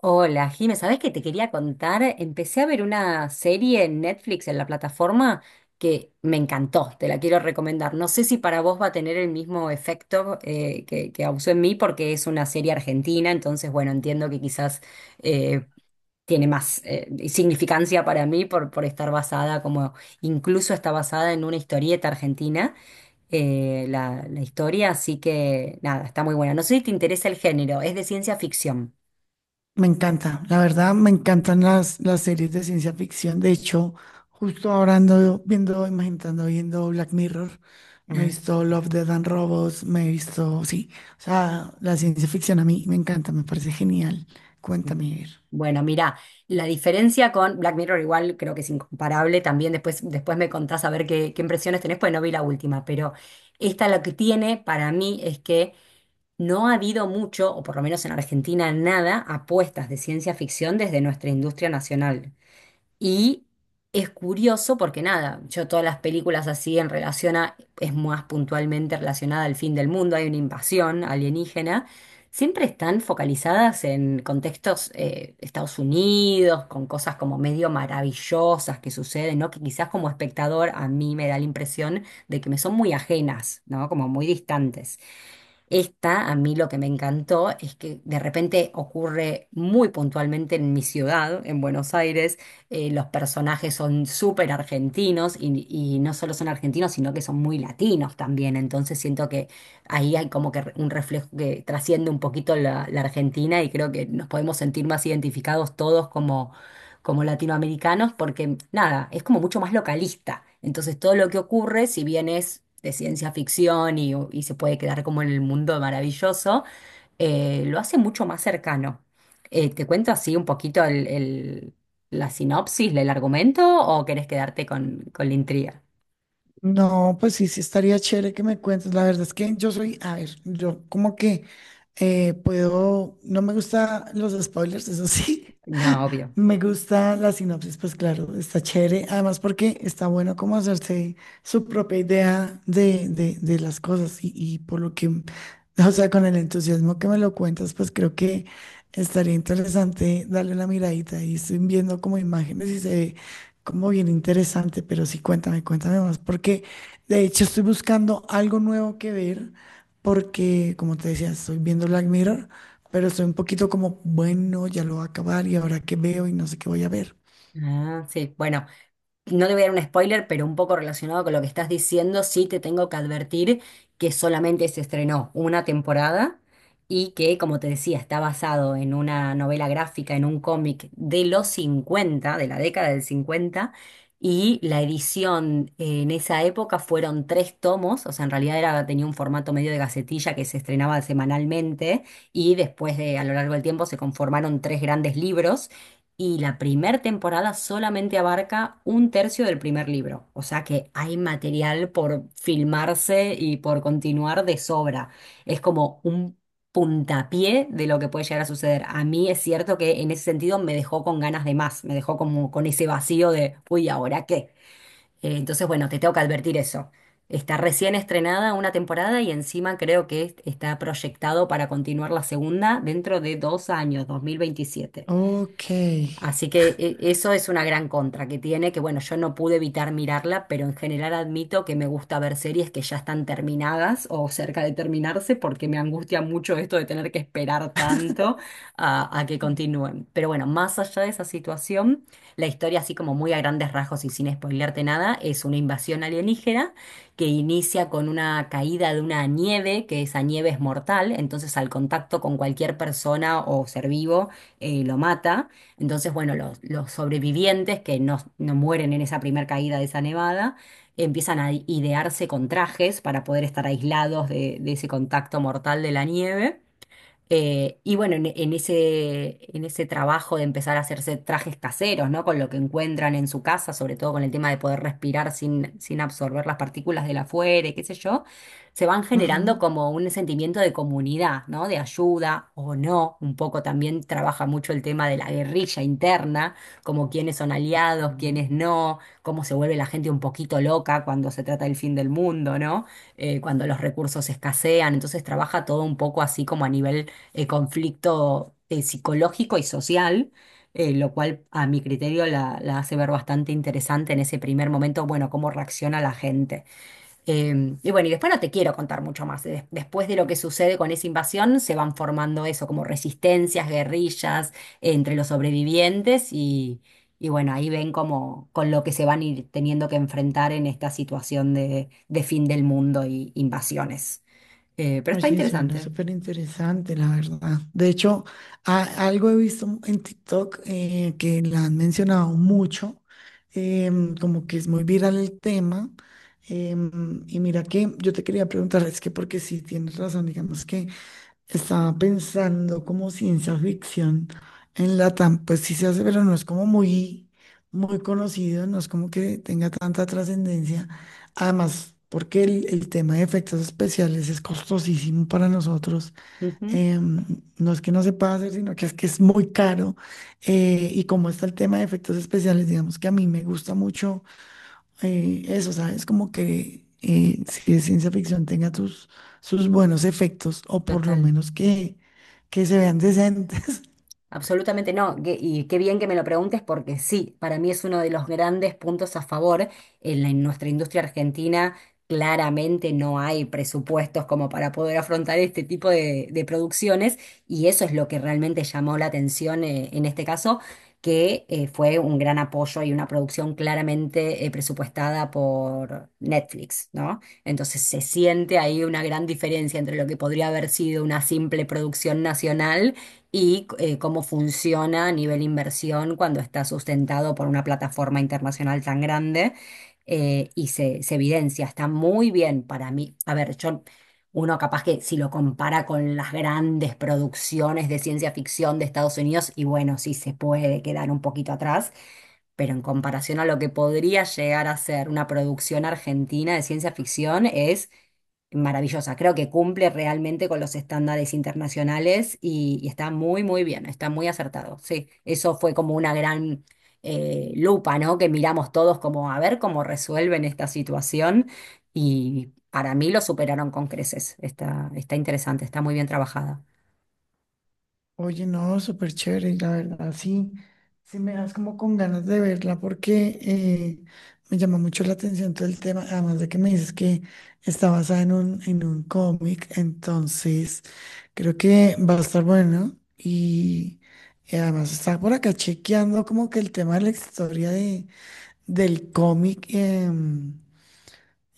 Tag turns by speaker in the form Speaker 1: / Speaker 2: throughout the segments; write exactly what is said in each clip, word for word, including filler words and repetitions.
Speaker 1: Hola, Jime, ¿sabés qué te quería contar? Empecé a ver una serie en Netflix, en la plataforma, que me encantó, te la quiero recomendar. No sé si para vos va a tener el mismo efecto eh, que, que causó en mí, porque es una serie argentina, entonces, bueno, entiendo que quizás eh, tiene más eh, significancia para mí por, por estar basada, como incluso está basada en una historieta argentina, eh, la, la historia, así que nada, está muy buena. No sé si te interesa el género, es de ciencia ficción.
Speaker 2: Me encanta, la verdad me encantan las, las series de ciencia ficción. De hecho, justo ahora ando viendo, imaginando, viendo Black Mirror. Me he
Speaker 1: Ah.
Speaker 2: visto Love, Death and Robots, me he visto, sí. O sea, la ciencia ficción a mí me encanta, me parece genial. Cuéntame, a ver.
Speaker 1: Bueno, mira, la diferencia con Black Mirror igual creo que es incomparable. También después, después me contás a ver qué, qué impresiones tenés, pues no vi la última, pero esta lo que tiene para mí es que no ha habido mucho, o por lo menos en Argentina, nada, apuestas de ciencia ficción desde nuestra industria nacional. Y es curioso porque nada, yo todas las películas así en relación a, es más puntualmente relacionada al fin del mundo, hay una invasión alienígena, siempre están focalizadas en contextos eh, Estados Unidos, con cosas como medio maravillosas que suceden, ¿no? Que quizás como espectador a mí me da la impresión de que me son muy ajenas, ¿no? Como muy distantes. Esta, a mí lo que me encantó es que de repente ocurre muy puntualmente en mi ciudad, en Buenos Aires. Eh, los personajes son súper argentinos y, y no solo son argentinos, sino que son muy latinos también. Entonces siento que ahí hay como que re- un reflejo que trasciende un poquito la, la Argentina y creo que nos podemos sentir más identificados todos como latinoamericanos, porque nada, es como mucho más localista. Entonces todo lo que ocurre, si bien es de ciencia ficción y, y se puede quedar como en el mundo maravilloso, eh, lo hace mucho más cercano. Eh, ¿te cuento así un poquito el, el- la sinopsis, el argumento, o querés quedarte con, con la intriga?
Speaker 2: No, pues sí, sí estaría chévere que me cuentes. La verdad es que yo soy, a ver, yo como que eh, puedo, no me gustan los spoilers, eso sí.
Speaker 1: No, obvio.
Speaker 2: Me gusta la sinopsis, pues claro, está chévere. Además, porque está bueno como hacerse su propia idea de, de, de las cosas y, y por lo que, o sea, con el entusiasmo que me lo cuentas, pues creo que estaría interesante darle una miradita y estoy viendo como imágenes y se ve como bien interesante, pero sí, cuéntame, cuéntame más, porque de hecho estoy buscando algo nuevo que ver, porque como te decía, estoy viendo Black Mirror pero estoy un poquito como, bueno, ya lo voy a acabar y ahora qué veo y no sé qué voy a ver.
Speaker 1: Ah, sí, bueno. No te voy a dar un spoiler, pero un poco relacionado con lo que estás diciendo, sí te tengo que advertir que solamente se estrenó una temporada y que, como te decía, está basado en una novela gráfica, en un cómic de los cincuenta, de la década del cincuenta y la edición eh, en esa época fueron tres tomos, o sea, en realidad era, tenía un formato medio de gacetilla que se estrenaba semanalmente y después de, a lo largo del tiempo se conformaron tres grandes libros y la primera temporada solamente abarca un tercio del primer libro, o sea que hay material por filmarse y por continuar de sobra. Es como un puntapié de lo que puede llegar a suceder. A mí es cierto que en ese sentido me dejó con ganas de más, me dejó como con ese vacío de, uy, ¿ahora qué? Eh, entonces, bueno, te tengo que advertir eso. Está recién estrenada una temporada y encima creo que está proyectado para continuar la segunda dentro de dos años, dos mil veintisiete.
Speaker 2: Ok.
Speaker 1: Así que eh, eso es una gran contra que tiene, que bueno, yo no pude evitar mirarla, pero en general admito que me gusta ver series que ya están terminadas o cerca de terminarse porque me angustia mucho esto de tener que esperar tanto a, a que continúen. Pero bueno, más allá de esa situación, la historia así como muy a grandes rasgos y sin spoilearte nada, es una invasión alienígena que inicia con una caída de una nieve, que esa nieve es mortal, entonces al contacto con cualquier persona o ser vivo eh, lo mata. Entonces, bueno, los, los sobrevivientes que no, no mueren en esa primera caída de esa nevada, empiezan a idearse con trajes para poder estar aislados de, de ese contacto mortal de la nieve. Eh, y bueno, en, en ese, en ese trabajo de empezar a hacerse trajes caseros, ¿no? Con lo que encuentran en su casa, sobre todo con el tema de poder respirar sin, sin absorber las partículas del afuera, y qué sé yo, se van
Speaker 2: Ajá.
Speaker 1: generando como un sentimiento de comunidad, ¿no? De ayuda o no. Un poco también trabaja mucho el tema de la guerrilla interna, como quiénes son aliados,
Speaker 2: Ujú.
Speaker 1: quiénes no, cómo se vuelve la gente un poquito loca cuando se trata del fin del mundo, ¿no? Eh, cuando los recursos escasean. Entonces trabaja todo un poco así como a nivel eh, conflicto eh, psicológico y social, eh, lo cual a mi criterio la, la hace ver bastante interesante en ese primer momento, bueno, cómo reacciona la gente. Eh, y bueno, y después no te quiero contar mucho más. Des- después de lo que sucede con esa invasión, se van formando eso, como resistencias, guerrillas eh, entre los sobrevivientes y... Y bueno, ahí ven como con lo que se van a ir teniendo que enfrentar en esta situación de, de fin del mundo y invasiones. Eh, pero está
Speaker 2: Oye, suena
Speaker 1: interesante.
Speaker 2: súper interesante, la verdad. De hecho, a- algo he visto en TikTok eh, que la han mencionado mucho, em, como que es muy viral el tema. em, y mira que yo te quería preguntar, es que porque sí tienes razón, digamos que estaba pensando como ciencia ficción en Latam, pues sí se hace, pero no es como muy, muy conocido, no es como que tenga tanta trascendencia. Además, porque el, el tema de efectos especiales es costosísimo para nosotros.
Speaker 1: Ujú,
Speaker 2: Em, no es que no se pueda hacer, sino que es que es muy caro. Eh, y como está el tema de efectos especiales, digamos que a mí me gusta mucho eh, eso, ¿sabes? Como que eh, si es ciencia ficción tenga sus, sus buenos efectos o por lo
Speaker 1: total.
Speaker 2: menos que, que se vean decentes.
Speaker 1: Absolutamente no. Que- y qué bien que me lo preguntes porque sí, para mí es uno de los grandes puntos a favor. En la- en nuestra industria argentina claramente no hay presupuestos como para poder afrontar este tipo de, de producciones y eso es lo que realmente llamó la atención eh, en este caso, que eh, fue un gran apoyo y una producción claramente eh, presupuestada por Netflix, ¿no? Entonces se siente ahí una gran diferencia entre lo que podría haber sido una simple producción nacional y eh, cómo funciona a nivel inversión cuando está sustentado por una plataforma internacional tan grande eh, y se, se evidencia. Está muy bien para mí. A ver, yo, uno capaz que si lo compara con las grandes producciones de ciencia ficción de Estados Unidos, y bueno, sí se puede quedar un poquito atrás, pero en comparación a lo que podría llegar a ser una producción argentina de ciencia ficción, es maravillosa. Creo que cumple realmente con los estándares internacionales y, y está muy, muy bien, está muy acertado. Sí, eso fue como una gran eh, lupa, ¿no? Que miramos todos como a ver cómo resuelven esta situación y para mí lo superaron con creces. Está, está interesante, está muy bien trabajada.
Speaker 2: Oye, no, súper chévere, la verdad, sí, sí me das como con ganas de verla porque eh, me llama mucho la atención todo el tema, además de que me dices que está basada en un, en un cómic, entonces creo que va a estar bueno y, y además está por acá chequeando como que el tema de la historia del cómic em,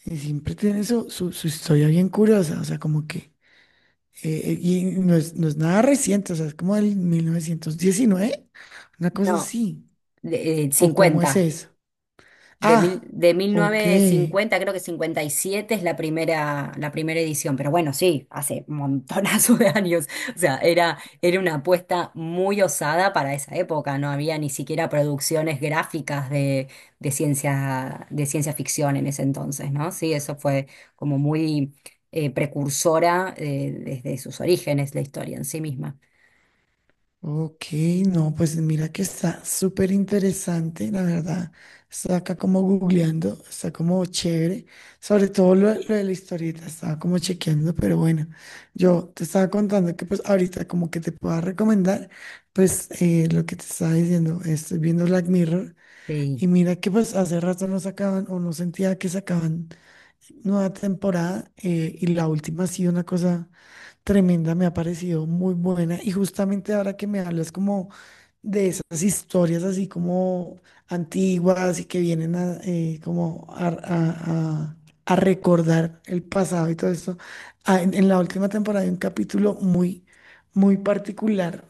Speaker 2: eh, siempre tiene su, su, su historia bien curiosa, o sea, como que, eh, eh, y no es, no es nada reciente, o sea, es como del mil novecientos diecinueve, una cosa
Speaker 1: No,
Speaker 2: así,
Speaker 1: de- eh,
Speaker 2: o cómo es
Speaker 1: cincuenta.
Speaker 2: eso.
Speaker 1: De, mil,
Speaker 2: Ah,
Speaker 1: de mil
Speaker 2: ok.
Speaker 1: novecientos cincuenta creo que cincuenta y siete es la primera, la primera edición, pero bueno, sí, hace un montonazo de años. O sea, era, era una apuesta muy osada para esa época. No había ni siquiera producciones gráficas de, de ciencia, de ciencia ficción en ese entonces, ¿no? Sí, eso fue como muy eh, precursora eh, desde sus orígenes, la historia en sí misma.
Speaker 2: Ok, no, pues mira que está súper interesante, la verdad. Está acá como googleando, está como chévere. Sobre todo lo, lo de la historieta, estaba como chequeando, pero bueno, yo te estaba contando que pues ahorita como que te pueda recomendar, pues eh, lo que te estaba diciendo, estoy viendo Black Mirror
Speaker 1: Sí.
Speaker 2: y mira que pues hace rato no sacaban o no sentía que sacaban nueva temporada eh, y la última ha sido una cosa... tremenda, me ha parecido muy buena. Y justamente ahora que me hablas como de esas historias así como antiguas y que vienen a, eh, como a, a- a- a recordar el pasado y todo esto, ah, en, en la última temporada hay un capítulo muy, muy particular.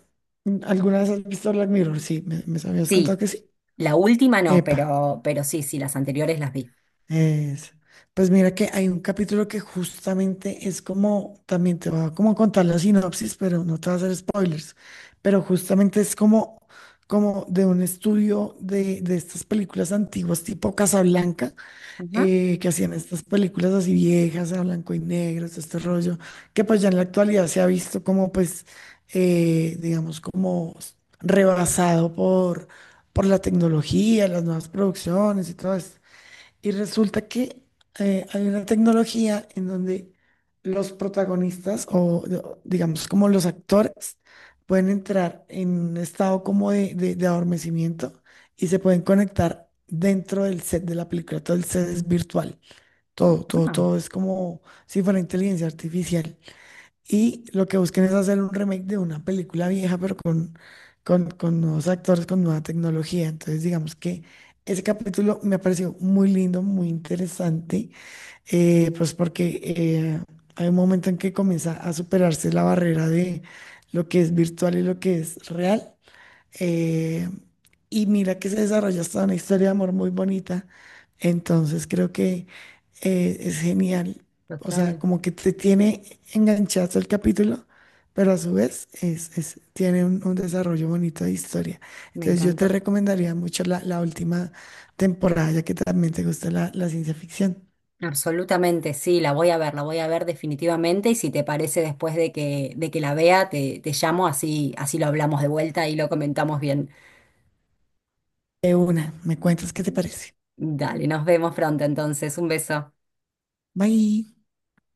Speaker 2: ¿Alguna vez has visto Black Mirror? Sí, me, me habías contado
Speaker 1: Sí,
Speaker 2: que sí.
Speaker 1: la última no,
Speaker 2: Epa.
Speaker 1: pero, pero sí, sí, las anteriores las vi.
Speaker 2: Es, pues mira que hay un capítulo que justamente es como, también te voy a como contar la sinopsis, pero no te voy a hacer spoilers, pero justamente es como, como de un estudio de, de estas películas antiguas tipo Casablanca,
Speaker 1: Ajá,
Speaker 2: eh, que hacían estas películas así viejas, a blanco y negro, todo este rollo, que pues ya en la actualidad se ha visto como pues, eh, digamos, como rebasado por, por la tecnología, las nuevas producciones y todo esto. Y resulta que eh, hay una tecnología en donde los protagonistas o de- o digamos como los actores pueden entrar en un estado como de, de- de adormecimiento y se pueden conectar dentro del set de la película. Todo el set es virtual. Todo, todo,
Speaker 1: ah,
Speaker 2: todo es como si fuera inteligencia artificial. Y lo que buscan es hacer un remake de una película vieja, pero con, con, con nuevos actores, con nueva tecnología. Entonces, digamos que ese capítulo me ha parecido muy lindo, muy interesante, eh, pues porque eh, hay un momento en que comienza a superarse la barrera de lo que es virtual y lo que es real. Eh, y mira que se desarrolla hasta una historia de amor muy bonita. Entonces creo que eh, es genial. O sea,
Speaker 1: total.
Speaker 2: como que te tiene enganchado el capítulo, pero a su vez es, es- tiene un, un desarrollo bonito de historia.
Speaker 1: Me
Speaker 2: Entonces yo te
Speaker 1: encantó.
Speaker 2: recomendaría mucho la, la última temporada, ya que también te gusta la, la ciencia ficción.
Speaker 1: Absolutamente, sí, la voy a ver, la voy a ver definitivamente y si te parece después de que, de que la vea, te, te llamo, así, así lo hablamos de vuelta y lo comentamos bien.
Speaker 2: De una, me cuentas qué te parece.
Speaker 1: Dale, nos vemos pronto entonces, un beso.
Speaker 2: Bye.